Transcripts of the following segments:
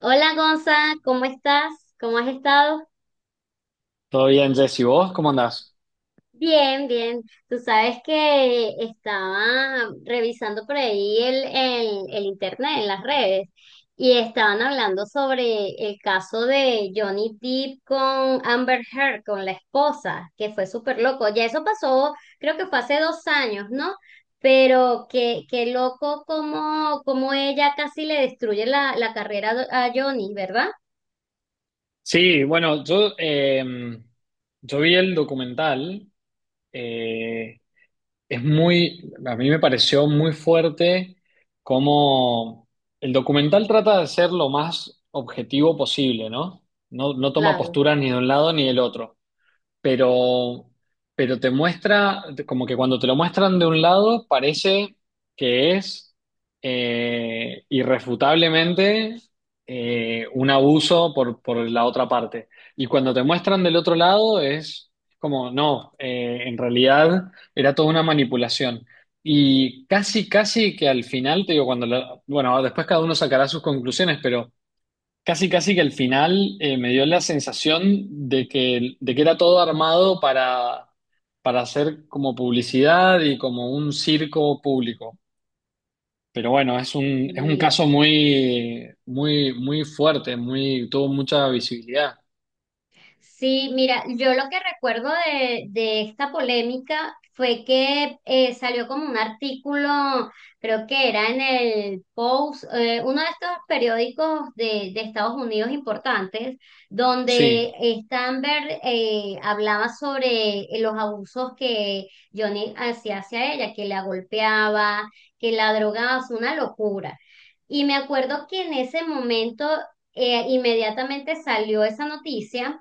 Hola Gonza, ¿cómo estás? ¿Cómo has estado? Todo bien, Jesse. ¿Vos cómo andás? Bien, bien. Tú sabes que estaba revisando por ahí el internet, en las redes, y estaban hablando sobre el caso de Johnny Depp con Amber Heard, con la esposa, que fue súper loco. Ya eso pasó, creo que fue hace 2 años, ¿no? Pero qué loco como ella casi le destruye la carrera a Johnny, ¿verdad? Sí, bueno, yo vi el documental, eh, es muy, a mí me pareció muy fuerte cómo el documental trata de ser lo más objetivo posible, ¿no? No toma Claro. postura ni de un lado ni del otro. pero, pero te muestra, como que cuando te lo muestran de un lado, parece que es irrefutablemente un abuso por la otra parte. Y cuando te muestran del otro lado, es como, no, en realidad era toda una manipulación. Y casi que al final, te digo, bueno, después cada uno sacará sus conclusiones, pero... Casi que al final me dio la sensación de que era todo armado para hacer como publicidad y como un circo público. Pero bueno, es un Sí, caso muy, muy, muy fuerte, muy, tuvo mucha visibilidad. sí, mira, yo lo que recuerdo de esta polémica fue que salió como un artículo, creo que era en el Post, uno de estos periódicos de Estados Unidos importantes, donde Sí, Stanberg hablaba sobre los abusos que Johnny hacía hacia ella, que la golpeaba, que la drogaba, es una locura. Y me acuerdo que en ese momento inmediatamente salió esa noticia.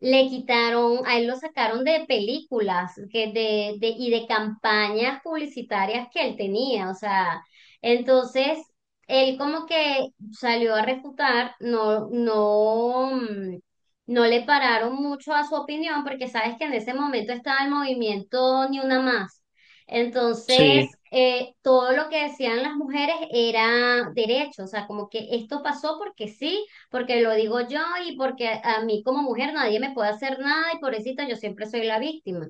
Le quitaron, a él lo sacaron de películas que de, y de campañas publicitarias que él tenía, o sea, entonces él como que salió a refutar, no, no, no le pararon mucho a su opinión porque sabes que en ese momento estaba el movimiento Ni Una Más. Entonces, sí, todo lo que decían las mujeres era derecho, o sea, como que esto pasó porque sí porque lo digo yo y porque a mí como mujer nadie me puede hacer nada y pobrecita, yo siempre soy la víctima.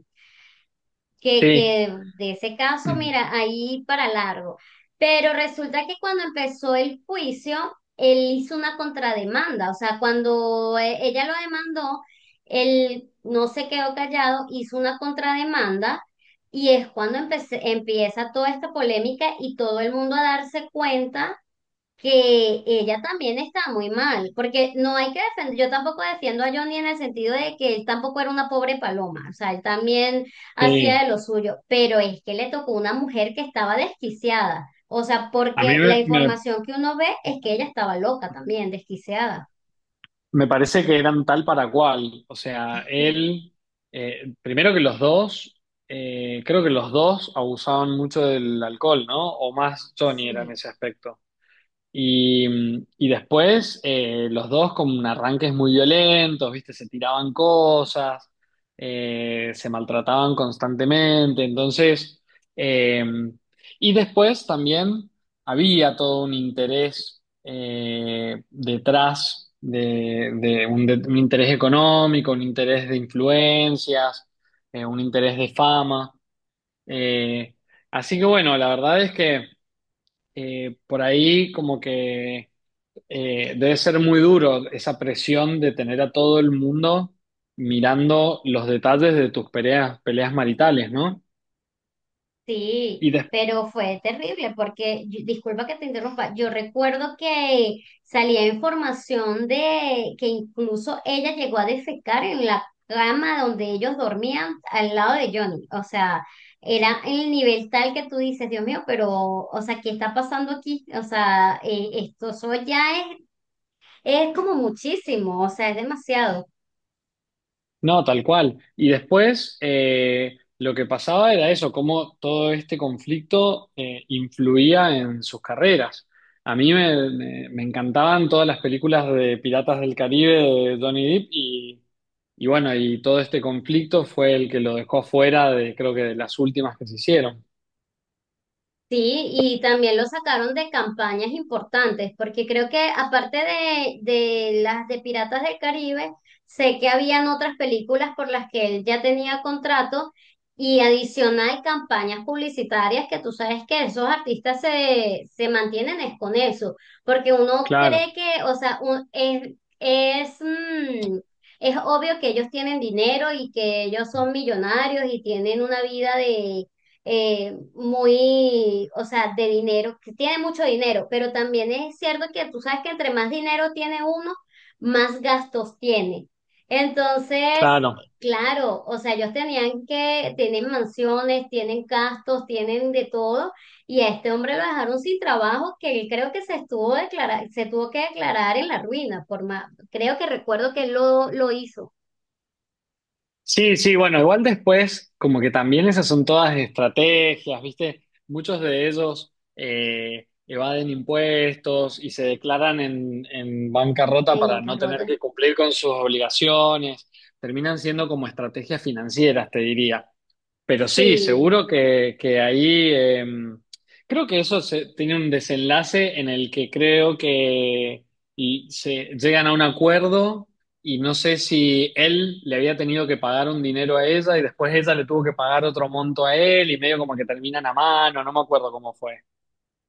Que, sí, que de ese caso, mira, ahí para largo. Pero resulta que cuando empezó el juicio, él hizo una contrademanda, o sea, cuando ella lo demandó, él no se quedó callado, hizo una contrademanda. Y es cuando empieza toda esta polémica y todo el mundo a darse cuenta que ella también está muy mal, porque no hay que defender, yo tampoco defiendo a Johnny en el sentido de que él tampoco era una pobre paloma, o sea, él también hacía sí. de lo suyo, pero es que le tocó una mujer que estaba desquiciada, o sea, A mí porque la me, me- información que uno ve es que ella estaba loca también, desquiciada. Me parece que eran tal para cual. O sea, primero que los dos, creo que los dos abusaban mucho del alcohol, ¿no? O más Johnny era en Sí. ese aspecto. Y, y después los dos con arranques muy violentos, ¿viste? Se tiraban cosas, se maltrataban constantemente. Entonces, eh, y después también había todo un interés detrás un interés económico, un interés de influencias, un interés de fama. Eh, Así que bueno, la verdad es que por ahí como que debe ser muy duro esa presión de tener a todo el mundo mirando los detalles de tus peleas, peleas maritales, ¿no? Sí, Y des- pero fue terrible porque, disculpa que te interrumpa, yo recuerdo que salía información de que incluso ella llegó a defecar en la cama donde ellos dormían al lado de Johnny. O sea, era el nivel tal que tú dices, Dios mío, pero, o sea, ¿qué está pasando aquí? O sea, esto eso ya es como muchísimo, o sea, es demasiado. no, tal cual. Y después lo que pasaba era eso, cómo todo este conflicto influía en sus carreras. A mí me, me- Me encantaban todas las películas de Piratas del Caribe de Johnny Depp y bueno, y todo este conflicto fue el que lo dejó fuera de, creo que de las últimas que se hicieron. Sí, y también lo sacaron de campañas importantes, porque creo que aparte de las de Piratas del Caribe, sé que habían otras películas por las que él ya tenía contrato y adicional campañas publicitarias que tú sabes que esos artistas se, se mantienen es con eso, porque uno Claro. cree que, o sea, es, es, mm, es obvio que ellos tienen dinero y que ellos son millonarios y tienen una vida muy, o sea, de dinero, que tiene mucho dinero, pero también es cierto que tú sabes que entre más dinero tiene uno, más gastos tiene. Entonces, Claro. claro, o sea, ellos tienen mansiones, tienen gastos, tienen de todo, y a este hombre lo dejaron sin trabajo, que él creo que se tuvo que declarar en la ruina, por más, creo que recuerdo que él lo hizo Sí, sí, bueno, igual después, como que también esas son todas estrategias, ¿viste? Muchos de ellos evaden impuestos y se declaran en bancarrota en para no tener Carrota. que cumplir con sus obligaciones. Terminan siendo como estrategias financieras, te diría. Pero sí, Sí. seguro que ahí creo que tiene un desenlace en el que creo que y se llegan a un acuerdo y no sé si él le había tenido que pagar un dinero a ella y después ella le tuvo que pagar otro monto a él y medio como que terminan a mano, no me acuerdo cómo fue.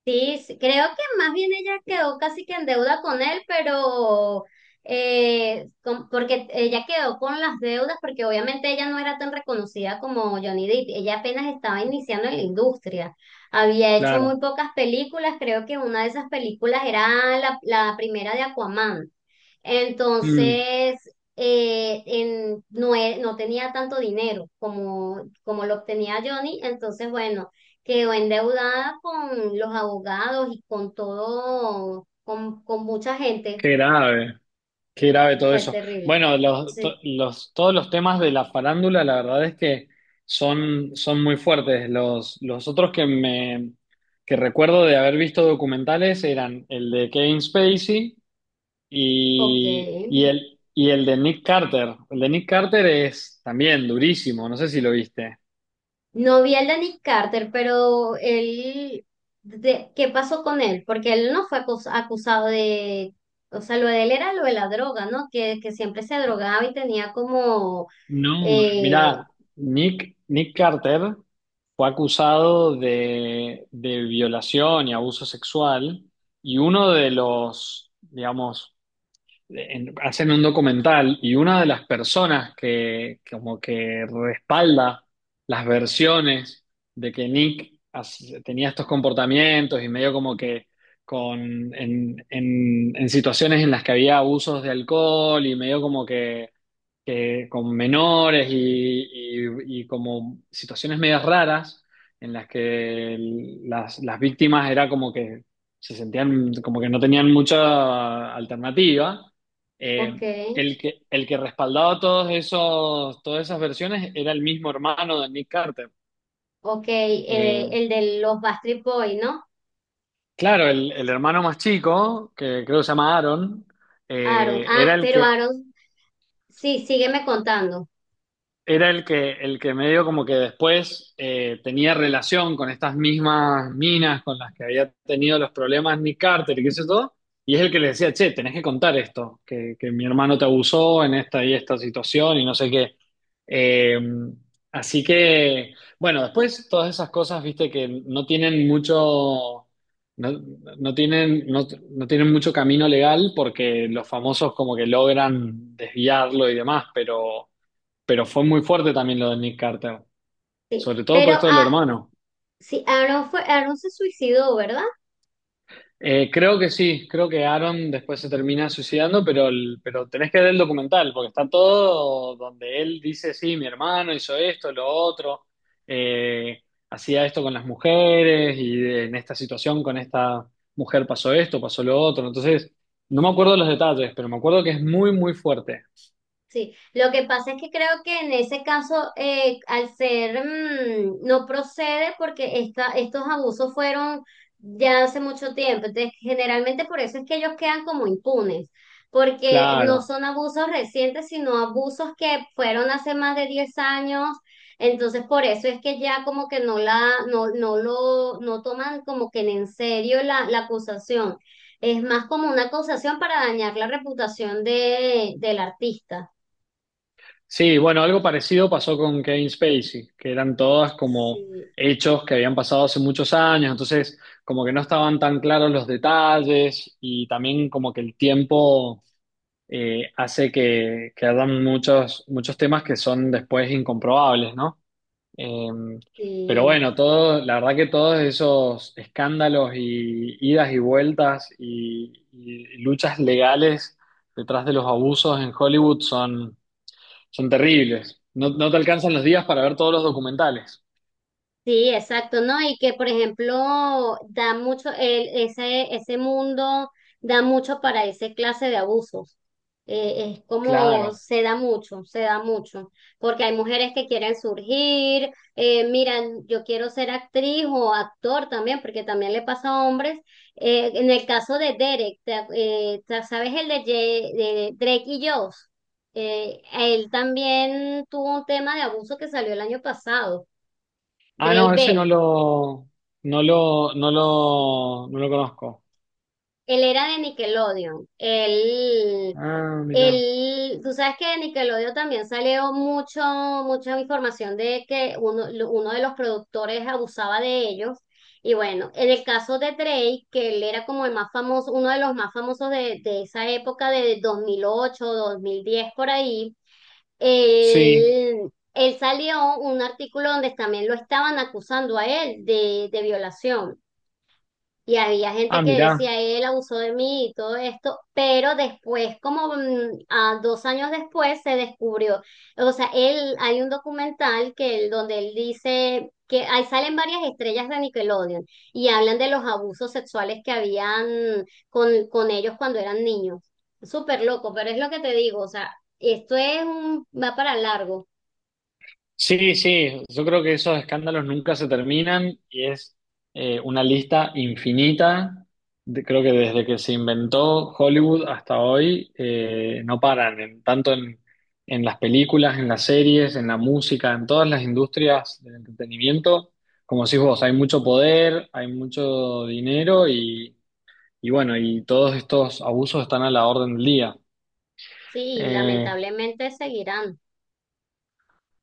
Sí, sí, creo que más bien ella quedó casi que en deuda con él, pero porque ella quedó con las deudas, porque obviamente ella no era tan reconocida como Johnny Depp, ella apenas estaba iniciando en la industria, había hecho Claro. muy pocas películas, creo que una de esas películas era la primera de Aquaman, Mm, entonces no, no tenía tanto dinero como, como lo obtenía Johnny, entonces bueno quedó endeudada con los abogados y con todo, con mucha gente. qué grave. Qué grave todo Fue eso. terrible. Bueno, Sí, todos los temas de la farándula, la verdad es que son, son muy fuertes. Los otros que recuerdo de haber visto documentales eran el de Kevin Spacey ok. Y el de Nick Carter. El de Nick Carter es también durísimo, no sé si lo viste. No vi el de Nick Carter, pero él, ¿qué pasó con él? Porque él no fue acusado de, o sea, lo de él era lo de la droga, ¿no? Que siempre se drogaba y tenía como, No, eh, mira, Nick Carter fue acusado de violación y abuso sexual y uno de los, digamos, hacen un documental y una de las personas que como que respalda las versiones de que Nick tenía estos comportamientos y medio como que en situaciones en las que había abusos de alcohol y medio como que con menores y como situaciones medias raras en las que las víctimas era como que se sentían como que no tenían mucha alternativa. ok, Eh, el que respaldaba todos esos, todas esas versiones era el mismo hermano de Nick Carter. ok, Eh, el de los Backstreet Boys, ¿no? claro, el hermano más chico, que creo que se llama Aaron, Aaron, eh, era ah, el pero que, Aaron, sí, sígueme contando. era el que medio como que después tenía relación con estas mismas minas con las que había tenido los problemas Nick Carter y qué sé todo, y es el que le decía, che, tenés que contar esto, que mi hermano te abusó en esta y esta situación y no sé qué. Eh, Así que, bueno, después todas esas cosas, viste, que no tienen mucho, no, no tienen mucho camino legal porque los famosos como que logran desviarlo y demás, pero... Pero fue muy fuerte también lo de Nick Carter, sobre todo por Pero esto del ah, hermano. sí, Aaron se suicidó, ¿verdad? Creo que sí, creo que Aaron después se termina suicidando, pero, pero tenés que ver el documental, porque está todo donde él dice, sí, mi hermano hizo esto, lo otro, eh, hacía esto con las mujeres y en esta situación con esta mujer pasó esto, pasó lo otro. Entonces, no me acuerdo los detalles, pero me acuerdo que es muy, muy fuerte. Sí, lo que pasa es que creo que en ese caso, al ser, no procede porque esta, estos abusos fueron ya hace mucho tiempo. Entonces, generalmente por eso es que ellos quedan como impunes, porque no Claro. son abusos recientes, sino abusos que fueron hace más de 10 años. Entonces, por eso es que ya como que no, no toman como que en serio la acusación. Es más como una acusación para dañar la reputación del artista. Sí, bueno, algo parecido pasó con Kevin Spacey, que eran todas como Sí, hechos que habían pasado hace muchos años, entonces como que no estaban tan claros los detalles y también como que el tiempo hace que hagan muchos, muchos temas que son después incomprobables, ¿no? Eh, pero sí. bueno, todo, la verdad que todos esos escándalos y idas y vueltas y luchas legales detrás de los abusos en Hollywood son son terribles. No, no te alcanzan los días para ver todos los documentales. Sí, exacto, ¿no? Y que, por ejemplo, da mucho, ese mundo da mucho para esa clase de abusos. Es como Claro. Se da mucho, porque hay mujeres que quieren surgir, miran, yo quiero ser actriz o actor también, porque también le pasa a hombres. En el caso de Derek, ¿sabes el de Drake y Josh? Él también tuvo un tema de abuso que salió el año pasado, Ah, Drake no, ese no Bell. lo, no lo, no Sí. lo, no lo conozco. Él era de Nickelodeon. Ah, mira. Tú sabes que de Nickelodeon también salió mucha información de que uno de los productores abusaba de ellos. Y bueno, en el caso de Drake, que él era como el más famoso, uno de los más famosos de esa época de 2008, 2010 por ahí, Sí. él, él salió un artículo donde también lo estaban acusando a él de violación. Y había Ah, gente que mira. decía, él abusó de mí y todo esto, pero después, como a 2 años después, se descubrió. O sea, él, hay un documental que donde él dice que ahí salen varias estrellas de Nickelodeon y hablan de los abusos sexuales que habían con ellos cuando eran niños. Súper loco, pero es lo que te digo, o sea, esto es va para largo, Sí, sí, yo creo que esos escándalos nunca se terminan y es una lista infinita. Creo que desde que se inventó Hollywood hasta hoy no paran, tanto en las películas, en las series, en la música, en todas las industrias del entretenimiento. Como decís vos, hay mucho poder, hay mucho dinero y bueno, y todos estos abusos están a la orden del día. sí, y Eh, lamentablemente seguirán.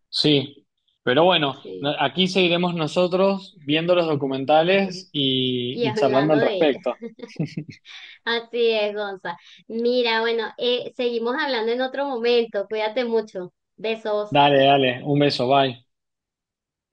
Sí, pero bueno, Sí. aquí seguiremos nosotros viendo los documentales Y y charlando hablando al de ellos. respecto. Así es, Gonza. Mira, bueno, seguimos hablando en otro momento. Cuídate mucho. Besos. Dale, dale, un beso, bye.